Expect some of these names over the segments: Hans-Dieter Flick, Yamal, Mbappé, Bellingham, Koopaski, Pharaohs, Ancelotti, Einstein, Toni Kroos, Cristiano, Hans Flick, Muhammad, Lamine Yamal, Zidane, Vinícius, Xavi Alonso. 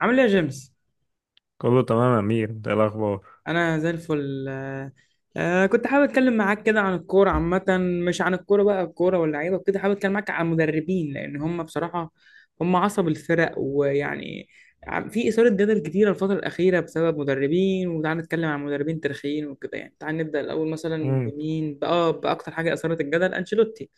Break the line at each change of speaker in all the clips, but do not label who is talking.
عامل ايه يا جيمس؟
كله تمام يا امير، ده الاخبار.
انا زي الفل. كنت حابب اتكلم معاك كده عن الكوره عامه. مش عن الكوره بقى، الكوره واللعيبه وكده، حابب اتكلم معاك عن المدربين لان هم بصراحه هم عصب الفرق، ويعني في اثاره جدل كتيره الفتره الاخيره بسبب مدربين. وتعال نتكلم عن مدربين تاريخيين وكده، يعني تعال نبدا الاول مثلا
امم
بمين بقى، باكتر حاجه اثارت الجدل: انشيلوتي.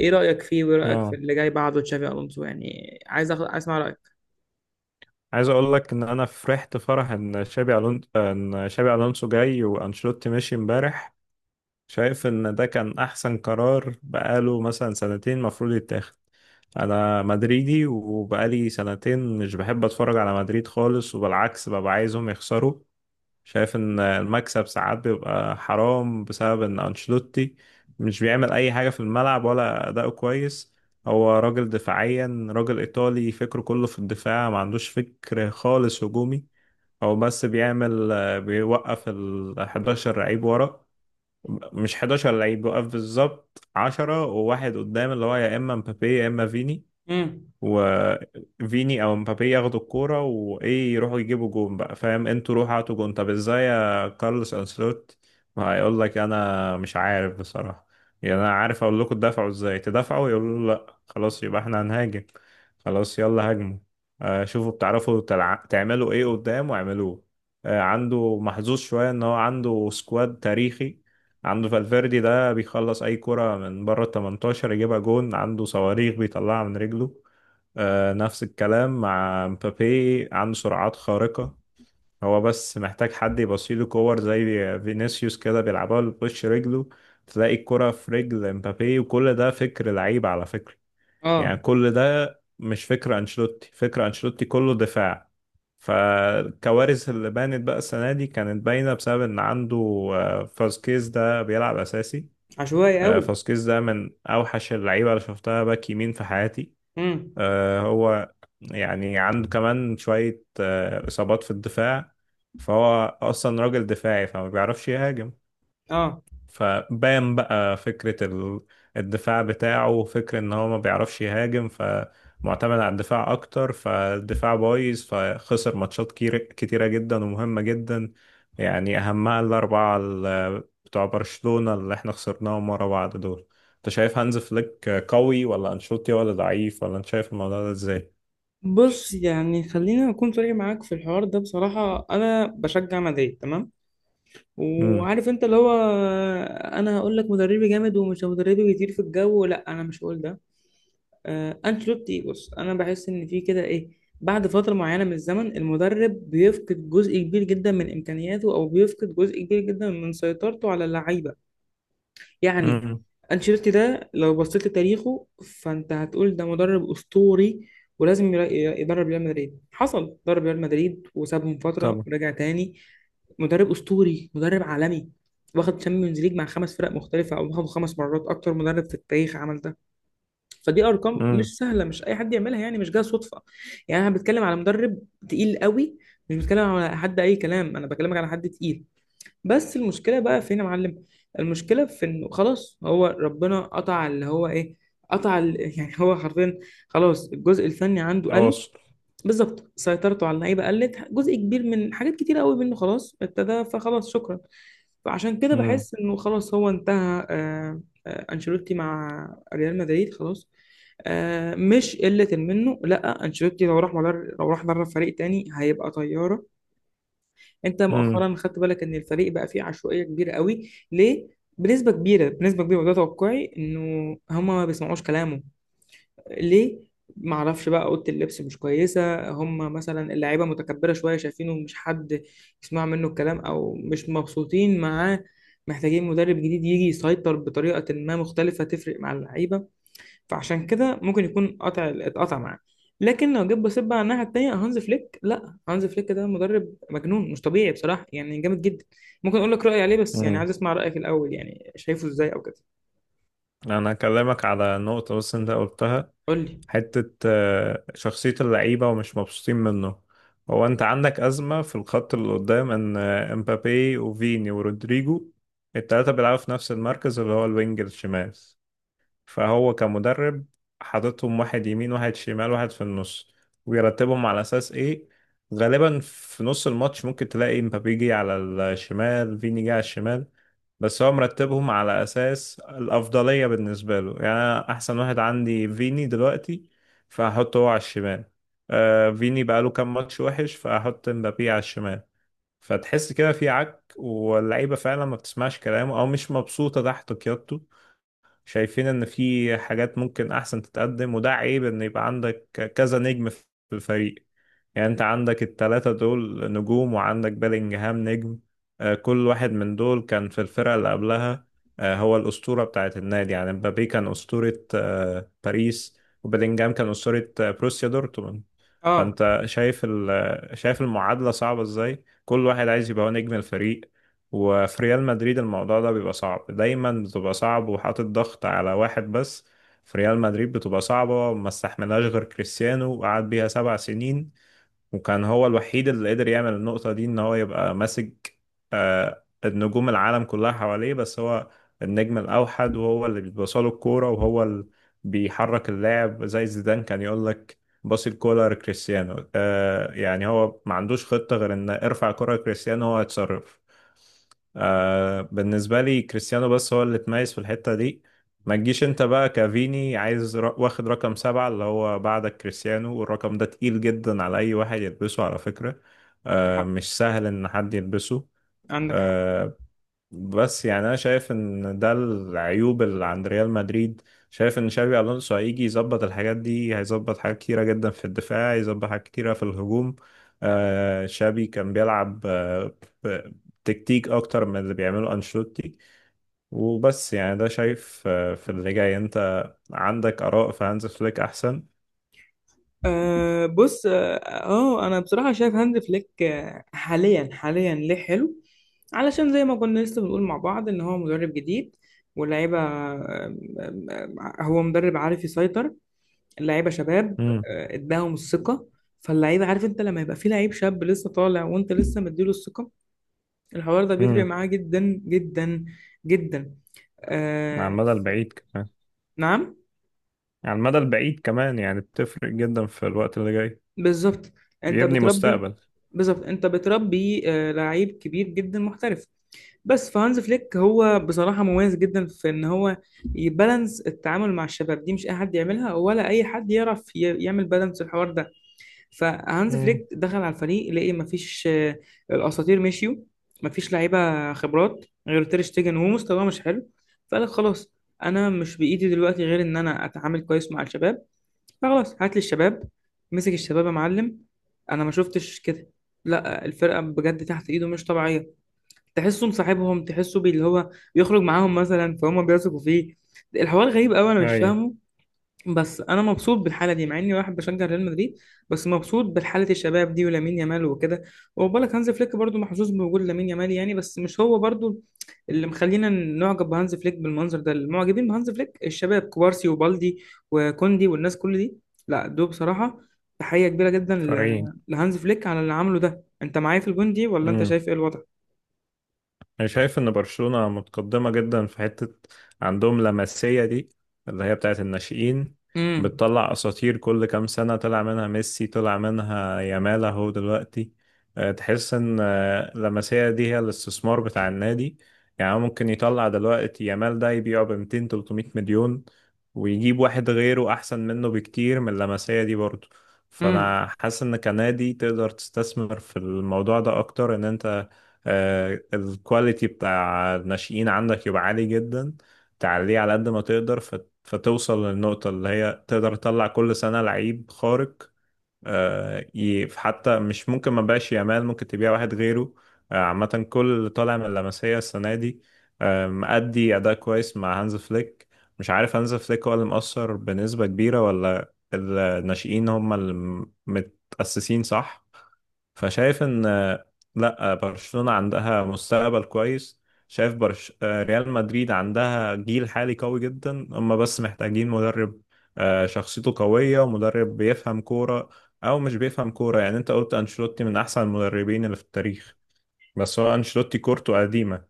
ايه رايك فيه؟ وايه رايك في
اه
اللي جاي بعده تشافي الونسو؟ يعني عايز عايز اسمع رايك.
عايز اقول لك ان انا فرحت فرح ان شابي الونسو جاي وانشيلوتي مشي امبارح. شايف ان ده كان احسن قرار بقاله مثلا سنتين المفروض يتاخد. انا مدريدي وبقالي سنتين مش بحب اتفرج على مدريد خالص، وبالعكس ببقى عايزهم يخسروا. شايف ان المكسب ساعات بيبقى حرام بسبب ان انشيلوتي مش بيعمل اي حاجة في الملعب ولا اداؤه كويس. هو راجل دفاعيا، راجل ايطالي فكره كله في الدفاع، ما عندوش فكر خالص هجومي. هو بس بيوقف ال 11 لعيب ورا، مش 11 لعيب، بيوقف بالظبط 10 وواحد قدام اللي هو يا اما مبابي يا اما فيني.
امم.
وفيني او مبابي ياخدوا الكوره وايه، يروحوا يجيبوا جون بقى، فاهم؟ انتوا روحوا هاتوا جون، طب ازاي يا كارلوس انسلوت؟ هيقول لك انا مش عارف بصراحه. يعني انا عارف اقول لكم تدافعوا ازاي تدافعوا، يقولوا له لا خلاص يبقى احنا هنهاجم، خلاص يلا هاجموا. شوفوا بتعرفوا تعملوا ايه قدام واعملوه. عنده محظوظ شويه ان هو عنده سكواد تاريخي. عنده فالفيردي ده بيخلص اي كرة من بره ال 18، يجيبها جون. عنده صواريخ بيطلعها من رجله. نفس الكلام مع مبابي، عنده سرعات خارقة. هو بس محتاج حد يبصيله كور زي فينيسيوس كده بيلعبها بوش رجله، تلاقي الكرة في رجل مبابي. وكل ده فكر لعيب على فكرة. يعني
اه،
كل ده مش فكر أنشيلوتي، فكر أنشيلوتي كله دفاع. فالكوارث اللي بانت بقى السنة دي كانت باينة بسبب إن عنده فاسكيز ده بيلعب أساسي.
عشوائي قوي.
فاسكيز ده من أوحش اللعيبة اللي شفتها باك يمين في حياتي.
امم.
هو يعني عنده كمان شوية إصابات في الدفاع، فهو أصلا راجل دفاعي فما بيعرفش يهاجم.
اه،
فبان بقى فكرة الدفاع بتاعه، وفكرة إن هو ما بيعرفش يهاجم، فمعتمد على الدفاع أكتر، فالدفاع بايظ فخسر ماتشات كتيرة جدا ومهمة جدا. يعني أهمها الأربعة بتوع برشلونة اللي إحنا خسرناهم ورا بعض دول. انت شايف هانز فليك قوي ولا انشيلوتي، ولا ضعيف، ولا انت شايف الموضوع ده ازاي؟
بص يعني خلينا اكون صريح معاك في الحوار ده. بصراحه انا بشجع مدريد، تمام،
امم.
وعارف انت اللي هو. انا هقول لك مدربي جامد ومش مدربي بيطير في الجو، لا انا مش هقول ده. آه، انشيلوتي بص انا بحس ان في كده ايه، بعد فتره معينه من الزمن المدرب بيفقد جزء كبير جدا من امكانياته، او بيفقد جزء كبير جدا من سيطرته على اللعيبه. يعني
امم.
أنشيلوتي ده لو بصيت لتاريخه فأنت هتقول ده مدرب أسطوري، ولازم يدرب ريال مدريد. حصل درب ريال مدريد وسابهم فترة
طبعا.
ورجع تاني. مدرب أسطوري، مدرب عالمي، واخد تشامبيونز ليج مع خمس فرق مختلفة، أو واخده خمس مرات، أكتر مدرب في التاريخ عمل ده. فدي أرقام
امم.
مش سهلة، مش أي حد يعملها، يعني مش جاية صدفة. يعني أنا بتكلم على مدرب تقيل قوي، مش بتكلم على حد أي كلام، أنا بكلمك على حد تقيل. بس المشكلة بقى فين يا معلم؟ المشكلة في انه خلاص، هو ربنا قطع اللي هو ايه، قطع يعني هو حرفيا خلاص الجزء الفني عنده قل.
تواصل.
بالظبط، سيطرته على اللعيبة قلت، جزء كبير من حاجات كتيرة قوي منه خلاص ابتدى، فخلاص شكرا. فعشان كده
امم.
بحس انه خلاص هو انتهى. انشيلوتي مع ريال مدريد خلاص. آه، مش قلة منه، لا انشيلوتي لو لو راح درب فريق تاني هيبقى طيارة. انت
امم.
مؤخرا خدت بالك ان الفريق بقى فيه عشوائيه كبيره قوي؟ ليه؟ بنسبه كبيره، بنسبه كبيره، وده توقعي انه هما ما بيسمعوش كلامه. ليه؟ ما اعرفش بقى، اوضه اللبس مش كويسه، هما مثلا اللعيبه متكبره شويه شايفينه مش حد يسمع منه الكلام، او مش مبسوطين معاه. محتاجين مدرب جديد يجي يسيطر بطريقه ما مختلفه تفرق مع اللعيبه. فعشان كده ممكن يكون قطع، اتقطع معاه. لكن لو جيت بصيت بقى على الناحيه التانيه هانز فليك، لا هانز فليك ده مدرب مجنون مش طبيعي بصراحه، يعني جامد جدا. ممكن اقول لك رايي عليه، بس يعني
امم.
عايز اسمع رايك الاول، يعني شايفه ازاي او كده.
انا هكلمك على نقطة بس انت قلتها،
قول لي.
حتة شخصية اللعيبة ومش مبسوطين منه. هو انت عندك أزمة في الخط اللي قدام ان امبابي وفيني ورودريجو التلاتة بيلعبوا في نفس المركز اللي هو الوينج الشمال. فهو كمدرب حاططهم واحد يمين واحد شمال واحد في النص، ويرتبهم على أساس إيه؟ غالبا في نص الماتش ممكن تلاقي مبابي جه على الشمال، فيني جه على الشمال. بس هو مرتبهم على أساس الأفضلية بالنسبة له، يعني أنا أحسن واحد عندي فيني دلوقتي فهحطه هو على الشمال. فيني بقاله كام ماتش وحش فأحط مبابي على الشمال. فتحس كده في عك، واللعيبة فعلا ما بتسمعش كلامه أو مش مبسوطة تحت قيادته. شايفين ان في حاجات ممكن احسن تتقدم، وده عيب ان يبقى عندك كذا نجم في الفريق. يعني انت عندك التلاتة دول نجوم وعندك بيلينجهام نجم. كل واحد من دول كان في الفرقة اللي قبلها. هو الأسطورة بتاعت النادي. يعني مبابي كان أسطورة باريس، وبيلينجهام كان أسطورة بروسيا دورتموند.
اه،
فانت شايف شايف المعادلة صعبة ازاي، كل واحد عايز يبقى هو نجم الفريق. وفي ريال مدريد الموضوع ده بيبقى صعب دايما، بتبقى صعب وحاطط ضغط على واحد بس. في ريال مدريد بتبقى صعبة، ما استحملهاش غير كريستيانو وقعد بيها 7 سنين. وكان هو الوحيد اللي قدر يعمل النقطة دي، ان هو يبقى ماسك النجوم العالم كلها حواليه، بس هو النجم الأوحد وهو اللي بيبصله الكورة وهو اللي بيحرك اللاعب. زي زيدان كان يقول لك باص الكورة لكريستيانو. يعني هو ما عندوش خطة غير ان ارفع كرة لكريستيانو هو يتصرف. بالنسبة لي كريستيانو بس هو اللي اتميز في الحتة دي. ما تجيش انت بقى كافيني عايز واخد رقم 7 اللي هو بعدك كريستيانو، والرقم ده تقيل جدا على أي واحد يلبسه على فكرة.
عندك حق،
مش سهل إن حد يلبسه.
عندك حق.
آه بس يعني أنا شايف إن ده العيوب اللي عند ريال مدريد. شايف إن شابي ألونسو هيجي يظبط الحاجات دي، هيظبط حاجات كتيرة جدا في الدفاع، هيظبط حاجات كتيرة في الهجوم. شابي كان بيلعب ب- تكتيك أكتر من اللي بيعمله أنشيلوتي. وبس يعني ده شايف في اللي جاي انت عندك آراء في هانز فليك أحسن.
آه بص، اه. آه، انا بصراحه شايف هانز فليك حاليا، حاليا ليه حلو؟ علشان زي ما كنا لسه بنقول مع بعض ان هو مدرب جديد، واللعيبه آه، هو مدرب عارف يسيطر، اللعيبه شباب،
امم.
اداهم الثقه. فاللعيبه عارف انت لما يبقى في لعيب شاب لسه طالع وانت لسه مديله الثقه، الحوار ده بيفرق
امم.
معاه جدا جدا جدا.
على
آه
المدى
ف-
البعيد كمان.
نعم.
على المدى البعيد كمان يعني بتفرق جدا في الوقت اللي جاي.
بالظبط، انت
بيبني
بتربي.
مستقبل.
بالظبط، انت بتربي آه لعيب كبير جدا محترف. بس فهانز فليك هو بصراحه مميز جدا في ان هو يبالانس التعامل مع الشباب دي. مش اي حد يعملها، ولا اي حد يعرف يعمل بالانس الحوار ده. فهانز
امم.
فليك دخل على الفريق لقي مفيش، الاساطير مشيوا، مفيش لعيبه خبرات غير تير شتيجن وهو مستواه مش حلو. فقال خلاص، انا مش بايدي دلوقتي غير ان انا اتعامل كويس مع الشباب، فخلاص هات لي الشباب. مسك الشباب يا معلم، انا ما شفتش كده، لا الفرقه بجد تحت ايده مش طبيعيه. تحسه مصاحبهم، اللي هو بيخرج معاهم مثلا، فهم بيثقوا فيه. الحوار غريب قوي، انا مش
أي.
فاهمه. بس انا مبسوط بالحاله دي مع اني واحد بشجع ريال مدريد، بس مبسوط بالحاله الشباب دي ولامين يامال وكده. وبالك هانز فليك برضو محظوظ بوجود لامين يامال، يعني بس مش هو برضو اللي مخلينا نعجب بهانز فليك بالمنظر ده، المعجبين بهانز فليك الشباب، كوبارسي وبالدي وكوندي والناس كل دي، لا دول بصراحه تحيه كبيره جدا
فريقين.
لهانز فليك على اللي عمله ده. انت معايا في الجون دي ولا انت شايف ايه الوضع؟
انا شايف ان برشلونة متقدمة جدا في حتة، عندهم لمسية دي اللي هي بتاعت الناشئين،
امم.
بتطلع اساطير كل كام سنة. طلع منها ميسي، طلع منها يامال اهو دلوقتي. تحس ان اللمسية دي هي الاستثمار بتاع النادي. يعني ممكن يطلع دلوقتي يامال ده، يبيعه ب 200 300 مليون ويجيب واحد غيره احسن منه بكتير من اللمسية دي برضه.
امم.
فانا حاسس ان كنادي تقدر تستثمر في الموضوع ده اكتر، ان انت الكواليتي بتاع الناشئين عندك يبقى عالي جدا، تعليه على قد ما تقدر فتوصل للنقطة اللي هي تقدر تطلع كل سنة لعيب خارق. حتى مش ممكن ما بقاش يامال، ممكن تبيع واحد غيره. عامة كل اللي طالع من اللمسية السنة دي مأدي أداء كويس مع هانز فليك. مش عارف هانز فليك هو اللي مؤثر بنسبة كبيرة ولا الناشئين هم اللي متأسسين صح. فشايف ان لا، برشلونة عندها مستقبل كويس. شايف ريال مدريد عندها جيل حالي قوي جدا، هم بس محتاجين مدرب شخصيته قوية ومدرب بيفهم كورة. او مش بيفهم كورة، يعني انت قلت انشيلوتي من احسن المدربين اللي في التاريخ، بس هو انشيلوتي كورته قديمة.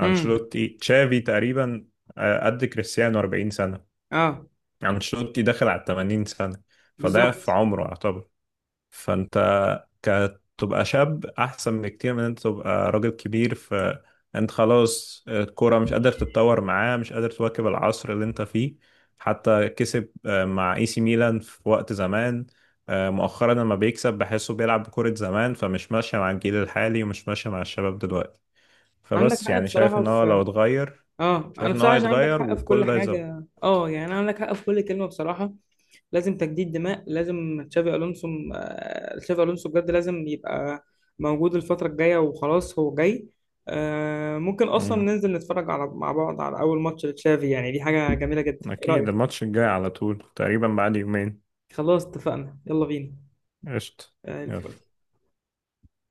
امم.
تشافي تقريبا قد كريستيانو 40 سنة.
اه.
انشيلوتي داخل على 80 سنة، فده في
بالظبط،
عمره يعتبر. فانت تبقى شاب احسن بكتير من انت تبقى راجل كبير، فانت خلاص الكوره مش قادر تتطور معاه، مش قادر تواكب العصر اللي انت فيه. حتى كسب مع اي سي ميلان في وقت زمان. مؤخرا لما بيكسب بحسه بيلعب بكرة زمان، فمش ماشية مع الجيل الحالي ومش ماشية مع الشباب دلوقتي.
عندك
فبس
حق
يعني شايف
بصراحه
ان هو
في،
لو اتغير،
اه انا
شايف ان هو
بصراحه عشان عندك
هيتغير
حق في كل
وكل ده هيظبط.
حاجه، اه يعني عندك حق في كل كلمه بصراحه. لازم تجديد دماء، لازم تشافي الونسو. آه، تشافي الونسو بجد لازم يبقى موجود الفتره الجايه، وخلاص هو جاي. آه، ممكن اصلا
مم.
ننزل نتفرج على مع بعض على اول ماتش لتشافي، يعني دي حاجه جميله جدا، ايه
اكيد
رايك؟
الماتش الجاي على طول، تقريبا بعد يومين.
خلاص اتفقنا، يلا بينا.
قشطة.
آه،
يلا
الفل.